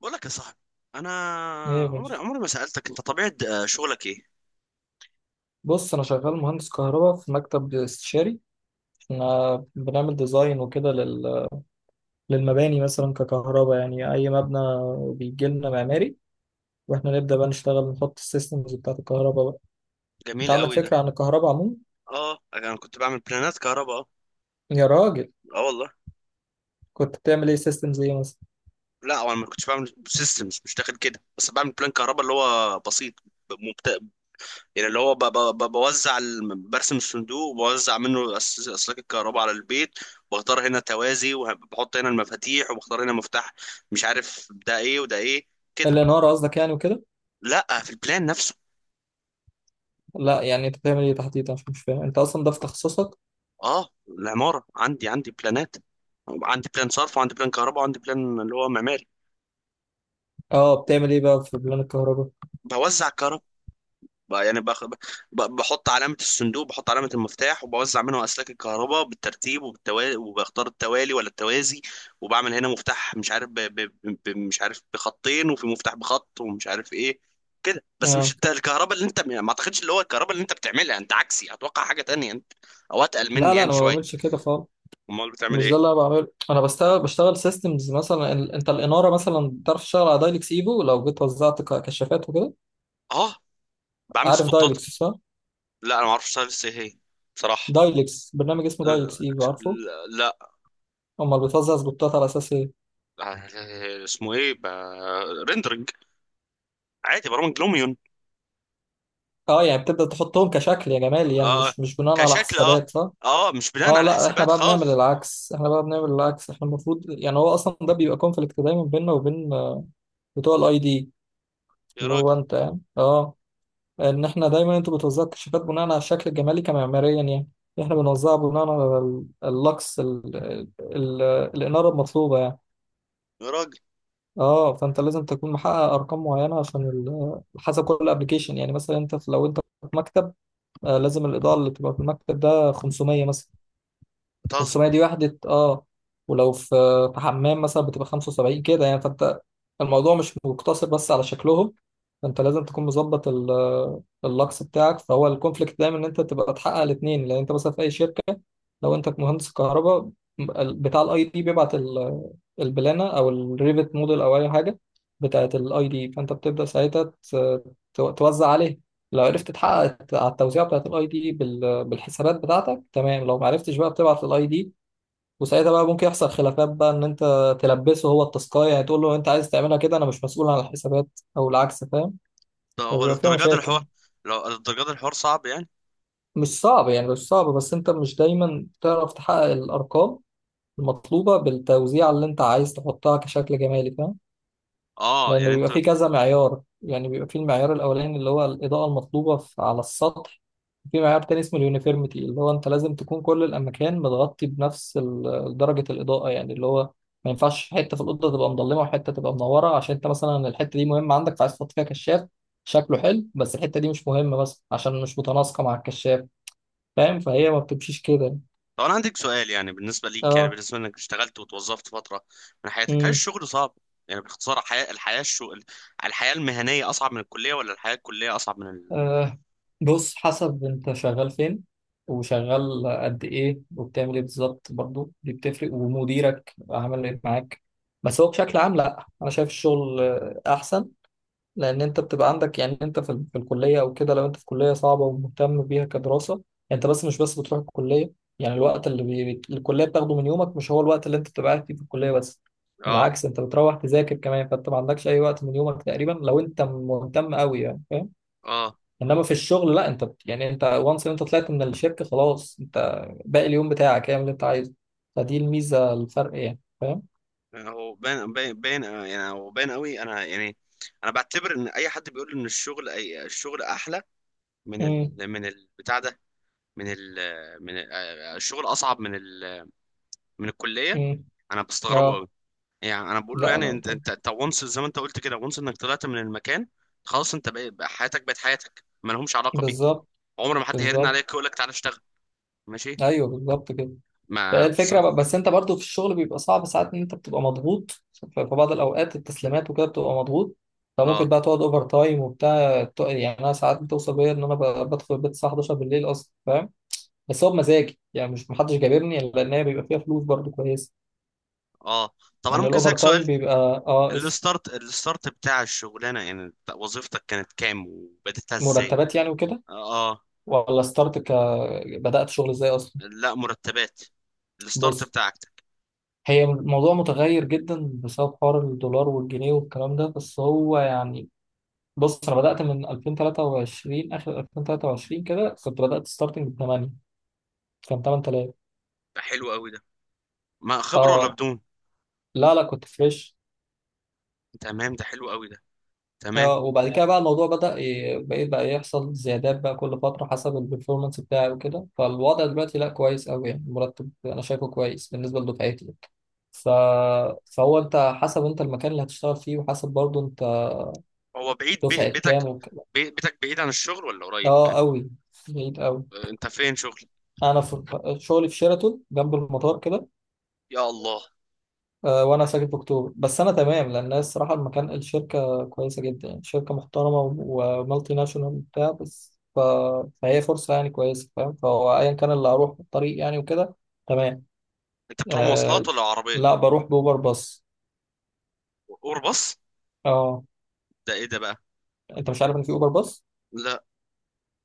بقول لك يا صاحبي. انا ايه يا عمري باشا؟ عمري ما سالتك انت طبيعه، شغلك ايه؟ بص، انا شغال مهندس كهرباء في مكتب استشاري. احنا بنعمل ديزاين وكده للمباني مثلا ككهرباء، يعني اي مبنى بيجي لنا معماري، واحنا نبدا بقى نشتغل نحط السيستمز بتاعت الكهرباء بقى. انت جميل عندك قوي ده. فكره عن الكهرباء عموما؟ اه، انا كنت بعمل بلانات كهرباء. اه. يا راجل، اه والله. كنت بتعمل ايه سيستمز ايه مثلا؟ لا، انا ما كنتش بعمل سيستمز، مش داخل كده، بس بعمل بلان كهرباء اللي هو بسيط. ب- مبت... يعني اللي هو بوزع برسم الصندوق وبوزع منه اسلاك الكهرباء على البيت. واختار هنا توازي، وبحط هنا المفاتيح، وبختار هنا مفتاح، مش عارف ده ايه وده ايه. كده. الاناره قصدك يعني وكده؟ لا، في البلان نفسه. لا يعني انت بتعمل ايه تحديدا؟ مش فاهم انت اصلا ده في تخصصك. اه، العمارة عندي، عندي بلانات. عندي بلان صرف، وعندي بلان كهرباء، وعندي بلان اللي هو معماري. اه بتعمل ايه بقى في بلان الكهرباء؟ بوزع الكهرباء. يعني باخد. بحط علامة الصندوق، بحط علامة المفتاح، وبوزع منه أسلاك الكهرباء بالترتيب وبالتوالي، وبختار التوالي ولا التوازي. وبعمل هنا مفتاح مش عارف مش عارف بخطين، وفي مفتاح بخط، ومش عارف ايه. كده بس. مش اه. الكهرباء اللي انت، ما اعتقدش اللي هو الكهرباء اللي انت بتعملها، انت عكسي، اتوقع حاجة تانية انت، او اتقل لا مني لا يعني انا ما شوية. بعملش كده خالص، امال بتعمل مش ايه؟ ده اللي انا بعمله. انا بشتغل سيستمز، مثلا انت الاناره مثلا بتعرف تشتغل على دايلكس ايفو؟ لو جيت وزعت كشافات وكده. اه، بعمل عارف سبوتات. دايلكس صح؟ لا انا ما اعرفش لسه ايه هي، بصراحه. دايلكس برنامج اسمه أه. دايلكس ايفو، عارفه؟ لا. امال بتوزع سبوتات على اساس ايه؟ أه، اسمه ايه؟ ريندرنج. عادي، برامج لوميون. اه يعني بتبدا تحطهم كشكل، يا جمال يعني، اه، مش بناء على كشكل، اه. حسابات، صح؟ اه، مش بناء اه على لا، احنا حسابات بقى بنعمل خالص. العكس، احنا بقى بنعمل العكس. احنا المفروض يعني، هو اصلا ده بيبقى كونفليكت دايما بيننا وبين بتوع الاي دي، يا اللي هو راجل. انت يعني، اه. ان احنا دايما انتوا بتوزعوا الكشافات بناء على الشكل الجمالي كمعماريا يعني، احنا بنوزعها بناء على اللوكس ال ال الاناره المطلوبه يعني. يا راجل. اه، فانت لازم تكون محقق ارقام معينه عشان حسب كل ابلكيشن يعني، مثلا انت لو انت في مكتب آه لازم الاضاءه اللي تبقى في المكتب ده 500 مثلا، بتهزر. 500 دي وحدة اه، ولو في حمام مثلا بتبقى 75 كده يعني. فانت الموضوع مش مقتصر بس على شكلهم، فانت لازم تكون مظبط اللكس بتاعك، فهو الكونفليكت دايما ان انت تبقى تحقق الاثنين. لان انت مثلا في اي شركة، لو انت مهندس كهرباء، بتاع الاي دي بيبعت البلانة او الريفت موديل او اي حاجة بتاعت الاي دي، فانت بتبدأ ساعتها توزع عليها. لو عرفت تحقق على التوزيع بتاعت الاي دي بالحسابات بتاعتك تمام، لو ما عرفتش بقى بتبعت الاي دي. وساعتها بقى ممكن يحصل خلافات بقى، ان انت تلبسه هو التاسكايه يعني، تقول له انت عايز تعملها كده انا مش مسؤول عن الحسابات، او العكس، فاهم؟ ده هو فبيبقى فيها الدرجات مشاكل. الحوار. لو الدرجات الحوار صعب يعني. مش صعب يعني، مش صعب، بس انت مش دايما تعرف تحقق الارقام المطلوبه بالتوزيع اللي انت عايز تحطها كشكل جمالي، فاهم؟ اه، لأنه يعني انت. بيبقى فيه كذا معيار يعني، بيبقى فيه المعيار الأولاني اللي هو الإضاءة المطلوبة على السطح. في معيار تاني اسمه اليونيفيرميتي، اللي هو أنت لازم تكون كل الأماكن متغطي بنفس درجة الإضاءة يعني، اللي هو ما ينفعش حتة في الأوضة تبقى مظلمة وحتة تبقى منورة، عشان أنت مثلا الحتة دي مهمة عندك فعايز تحط فيها كشاف شكله حلو، بس الحتة دي مش مهمة، بس عشان مش متناسقة مع الكشاف، فاهم؟ فهي ما بتمشيش كده. طب انا عندك سؤال، يعني بالنسبه ليك، يعني بالنسبه انك اشتغلت وتوظفت فتره من حياتك، هل اه. الشغل صعب؟ يعني باختصار، الحياه، الحياه الشغل، الحياه المهنيه اصعب من الكليه ولا الحياه الكليه اصعب من ال... أه. بص، حسب انت شغال فين وشغال قد ايه وبتعمل ايه بالظبط، برضو دي بتفرق، ومديرك عامل ايه معاك. بس هو بشكل عام، لا انا شايف الشغل احسن، لان انت بتبقى عندك يعني، انت في الكليه او كده، لو انت في كليه صعبه ومهتم بيها كدراسه، انت بس مش بس بتروح الكليه. يعني الوقت اللي الكليه بتاخده من يومك مش هو الوقت اللي انت بتبقى قاعد فيه في الكليه بس، اه. بالعكس انت بتروح تذاكر كمان، فانت ما عندكش اي وقت من يومك تقريبا لو انت مهتم قوي يعني. اه. انما في الشغل لا، انت يعني انت وانس انت طلعت من الشركه خلاص، انت باقي اليوم بتاعك اعمل اللي انت عايزه. فدي الميزه، الفرق يعني، فاهم؟ هو باين باين باين يعني، هو باين قوي. انا يعني انا بعتبر ان اي حد بيقول ان الشغل، أي الشغل احلى، من ال، امم. من البتاع ده، من ال، من ال، الشغل اصعب من ال، من الكليه، امم. انا بستغربه اه. قوي. يعني انا بقول له لا يعني، لا انت طبعا. انت انت وانس، زي ما انت قلت كده، وانس انك طلعت من المكان، خلاص انت بقى بقى حياتك، بقت حياتك ما لهمش علاقه بيه. بالظبط. عمر ما حد هيرن بالظبط. عليك يقول لك تعالى اشتغل. ماشي. ايوه بالظبط كده. فهي ما بز... الفكره بس انت برضو في الشغل بيبقى صعب ساعات، ان انت بتبقى مضغوط في بعض الاوقات التسليمات وكده بتبقى مضغوط، فممكن اه. بقى تقعد اوفر تايم وبتاع يعني انا ساعات بتوصل بيا ان انا بدخل البيت الساعه 11 بالليل اصلا، فاهم؟ بس هو بمزاجي يعني، مش محدش جابرني، لان هي بيبقى فيها فلوس برضو كويسه. اه. طب انا يعني ممكن الاوفر اسالك تايم سؤال؟ بيبقى اه اس الستارت الستارت بتاع الشغلانه، يعني بتاع وظيفتك، كانت كام وبدأتها ازاي؟ مرتبات يعني وكده؟ اه ولا ستارت بدأت شغل ازاي اصلا؟ لا، مرتبات. الستارت بص، بتاع عكتك. هي الموضوع متغير جدا بسبب حوار الدولار والجنيه والكلام ده، بس هو يعني، بص انا بدأت من 2023، اخر 2023 كده كنت بدأت ستارتنج ب 8، كان 8000. ده حلو قوي ده. ما خبره ولا اه. بدون؟ لا لا كنت فريش. تمام، ده حلو قوي ده. تمام. اه، وبعد كده بقى الموضوع بدأ بقيت بقى يحصل زيادات بقى كل فترة حسب البرفورمانس بتاعي وكده. فالوضع دلوقتي لا كويس أوي يعني، المرتب أنا شايفه كويس بالنسبة لدفعتي يعني. ف... فهو أنت حسب أنت المكان اللي هتشتغل فيه، وحسب برضه أنت هو بعيد دفعة بيتك، كام بيتك بعيد عن الشغل ولا قريب؟ اه أوي. بعيد أوي. انت فين شغل؟ أنا شغلي في شيراتون جنب المطار كده، يا الله. وانا ساكن في اكتوبر، بس انا تمام، لان الصراحه المكان الشركه كويسه جدا يعني، شركه محترمه ومالتي ناشونال وبتاع، بس فهي فرصه يعني كويسه، فاهم؟ فهو ايا كان اللي هروح في الطريق يعني وكده، تمام. انت بتروح مواصلات آه... ولا عربيه؟ لا بروح باوبر باص. اور باص؟ اه، ده ايه ده بقى؟ انت مش عارف ان في اوبر باص؟ لا.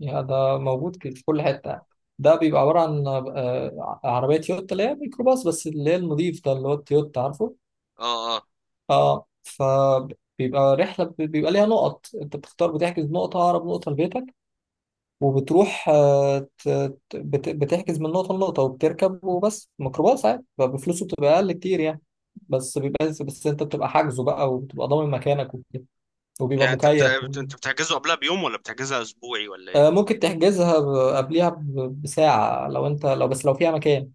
يا ده موجود في كل حته يعني. ده بيبقى عباره عن عربيه تويوتا اللي هي ميكروباص، بس اللي هي النظيف ده اللي هو التويوتا، عارفه؟ اه. اه، اه، فبيبقى رحلة بيبقى ليها نقط، انت بتختار بتحجز نقطة أقرب نقطة لبيتك، وبتروح بتحجز من نقطة لنقطة وبتركب وبس، ميكروباص عادي، فبفلوسه بتبقى أقل كتير يعني. بس بيبقى، بس انت بتبقى حاجزه بقى وبتبقى ضامن مكانك وكده، وبيبقى يعني انت مكيف انت بتحجزه قبلها بيوم ولا بتحجزها اسبوعي ولا ايه؟ آه، ممكن تحجزها قبليها بساعة لو انت، لو بس لو فيها مكان،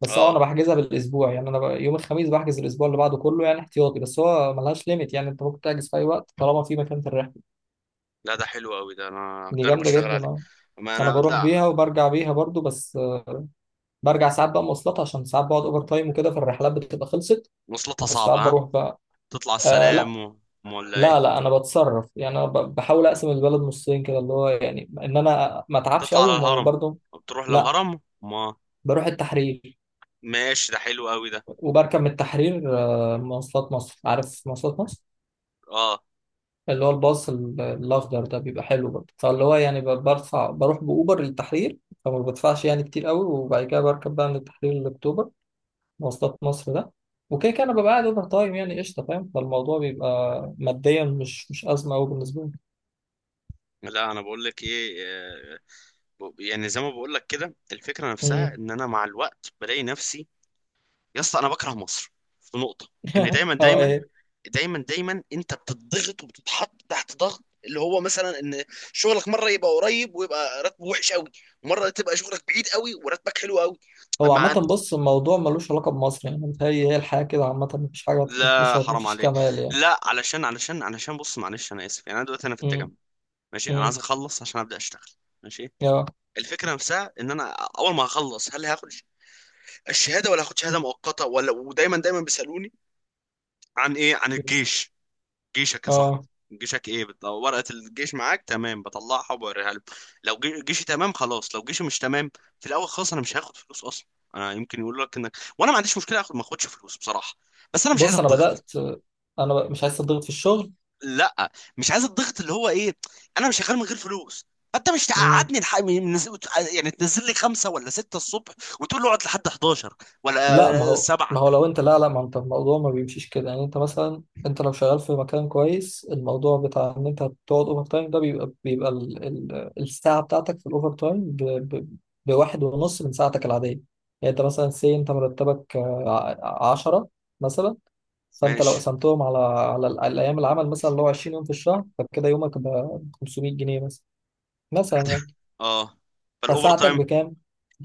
بس اه انا اه. بحجزها بالاسبوع يعني، انا يوم الخميس بحجز الاسبوع اللي بعده كله يعني احتياطي، بس هو ملهاش ليميت يعني، انت ممكن تحجز في اي وقت طالما في مكان في الرحلة. لا ده حلو قوي ده، انا دي هجرب جامدة اشتغل جدا، عليه. اه. ما انا انا بروح لا. بيها وبرجع بيها برضو، بس آه، برجع ساعات بقى مواصلات عشان ساعات بقعد اوفر تايم وكده فالرحلات بتبقى خلصت، وصلتها بس صعبة ساعات ها. بروح بقى تطلع آه. لا. السلام و... أم ولا ايه؟ لا لا انا بتصرف يعني، انا بحاول اقسم البلد نصين كده، اللي هو يعني ان انا ما اتعبش تطلع قوي على الهرم؟ وبرضه. بتروح لا للهرم ما. بروح التحرير، ماشي ده حلو قوي ده. وبركب من التحرير آه، مواصلات مصر، عارف مواصلات مصر؟ اه. اللي هو الباص الاخضر ده، بيبقى حلو برضه، فاللي هو يعني برفع بروح باوبر للتحرير، فما بدفعش يعني كتير قوي، وبعد كده بركب بقى من التحرير لاكتوبر، مواصلات مصر ده. وكده كده انا ببقى قاعد اوفر تايم يعني، قشطه، فاهم؟ فالموضوع بيبقى ماديا مش ازمه قوي بالنسبه لي. لا انا بقول لك ايه، يعني زي ما بقول لك كده، الفكرة نفسها مم. ان انا مع الوقت بلاقي نفسي، يا اسطى انا بكره مصر في نقطة. ان دايما اه دايما ايه؟ دايما دايما انت بتضغط وبتتحط تحت ضغط، اللي هو مثلا ان شغلك مره يبقى قريب ويبقى راتبه وحش قوي، ومره تبقى شغلك بعيد قوي وراتبك حلو قوي. هو عامة مع. بص الموضوع ملوش علاقة بمصر يعني، متهيألي هي الحياة كده عامة، مفيش حاجة مش لا حرام مفيش عليك. كمال يعني. لا، علشان بص معلش انا اسف، يعني انا دلوقتي انا في التجمع. مم. ماشي، انا عايز مم. اخلص عشان ابدا اشتغل. ماشي. اه. الفكره نفسها ان انا اول ما هخلص، هل هاخد الشهاده ولا هاخد شهاده مؤقته ولا، ودايما دايما بيسالوني عن ايه؟ عن الجيش. جيشك يا صاحبي. اه جيشك ايه ورقة الجيش معاك تمام، بطلعها وبوريها له. لو جيشي تمام خلاص، لو جيشي مش تمام في الاول خالص، انا مش هاخد فلوس اصلا. انا يمكن يقول لك، انك، وانا ما عنديش مشكلة اخد ما اخدش فلوس بصراحة، بس انا مش عايز بص أنا الضغط. بدأت، أنا مش عايز أضغط في الشغل. لا، مش عايز الضغط اللي هو ايه، انا مش شغال من غير فلوس، فانت مش تقعدني يعني تنزل لي خمسة ولا ستة الصبح وتقول لي اقعد لحد 11 لا، ما ولا هو سبعة. ما هو لو انت، لا لا ما انت الموضوع ما بيمشيش كده، يعني انت مثلا، انت لو شغال في مكان كويس، الموضوع بتاع ان انت تقعد اوفر تايم ده بيبقى بيبقى ال ال الساعه بتاعتك في الاوفر تايم ب ب بواحد ونص من ساعتك العاديه. يعني انت مثلا انت مرتبك آه، عشرة مثلا، فانت لو ماشي. قسمتهم على الايام العمل مثلا اللي هو 20 يوم في الشهر، فكده يومك ب 500 جنيه مثلا، لا مثلا ده- يعني. اه. فالاوفر فساعتك تايم. بكام؟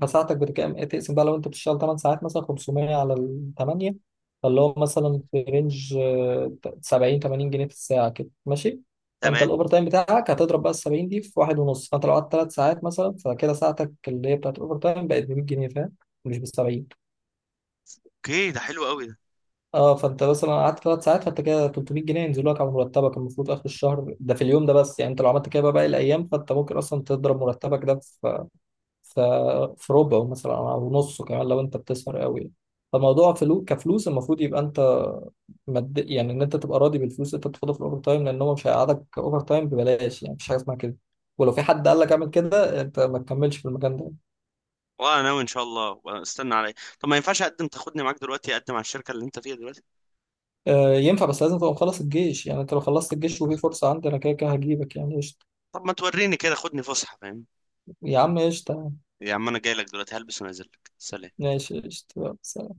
إيه، تقسم بقى، لو انت بتشتغل 8 ساعات مثلا، 500 على ال 8، فاللي هو مثلا في رينج آه، 70 80 جنيه في الساعة كده، ماشي؟ فانت تمام. الاوفر تايم بتاعك هتضرب بقى ال 70 دي في واحد ونص، فانت لو قعدت 3 ساعات مثلا فكده ساعتك اللي هي بتاعت الاوفر تايم بقت ب 100 جنيه، فاهم؟ مش ب 70. اوكي ده حلو قوي. اه، فانت مثلا قعدت 3 ساعات، فانت كده 300 جنيه ينزلوا لك على مرتبك المفروض اخر الشهر، ده في اليوم ده بس يعني، انت لو عملت كده بقى باقي الايام فانت ممكن اصلا تضرب مرتبك ده ف- في ربعه مثلا او نصه كمان لو انت بتسهر قوي. فالموضوع فلو كفلوس المفروض يبقى انت يعني ان انت تبقى راضي بالفلوس اللي انت بتاخدها في الاوفر تايم، لان هو مش هيقعدك اوفر تايم ببلاش يعني، مفيش حاجه اسمها كده، ولو في حد قال لك اعمل كده انت ما تكملش في المكان ده. وانا ناوي ان شاء الله، استنى عليا. طب ما ينفعش اقدم، تاخدني معاك دلوقتي، اقدم على الشركه اللي انت فيها دلوقتي؟ آه ينفع، بس لازم تبقى مخلص الجيش يعني، انت لو خلصت الجيش وفي فرصه عندي، انا كده كده هجيبك يعني، قشطه. طب ما توريني كده، خدني فسحه فاهم. يا عم قشطه. يا عم انا جاي لك دلوقتي، هلبس ونازل لك. سلام. ماشي قشطه.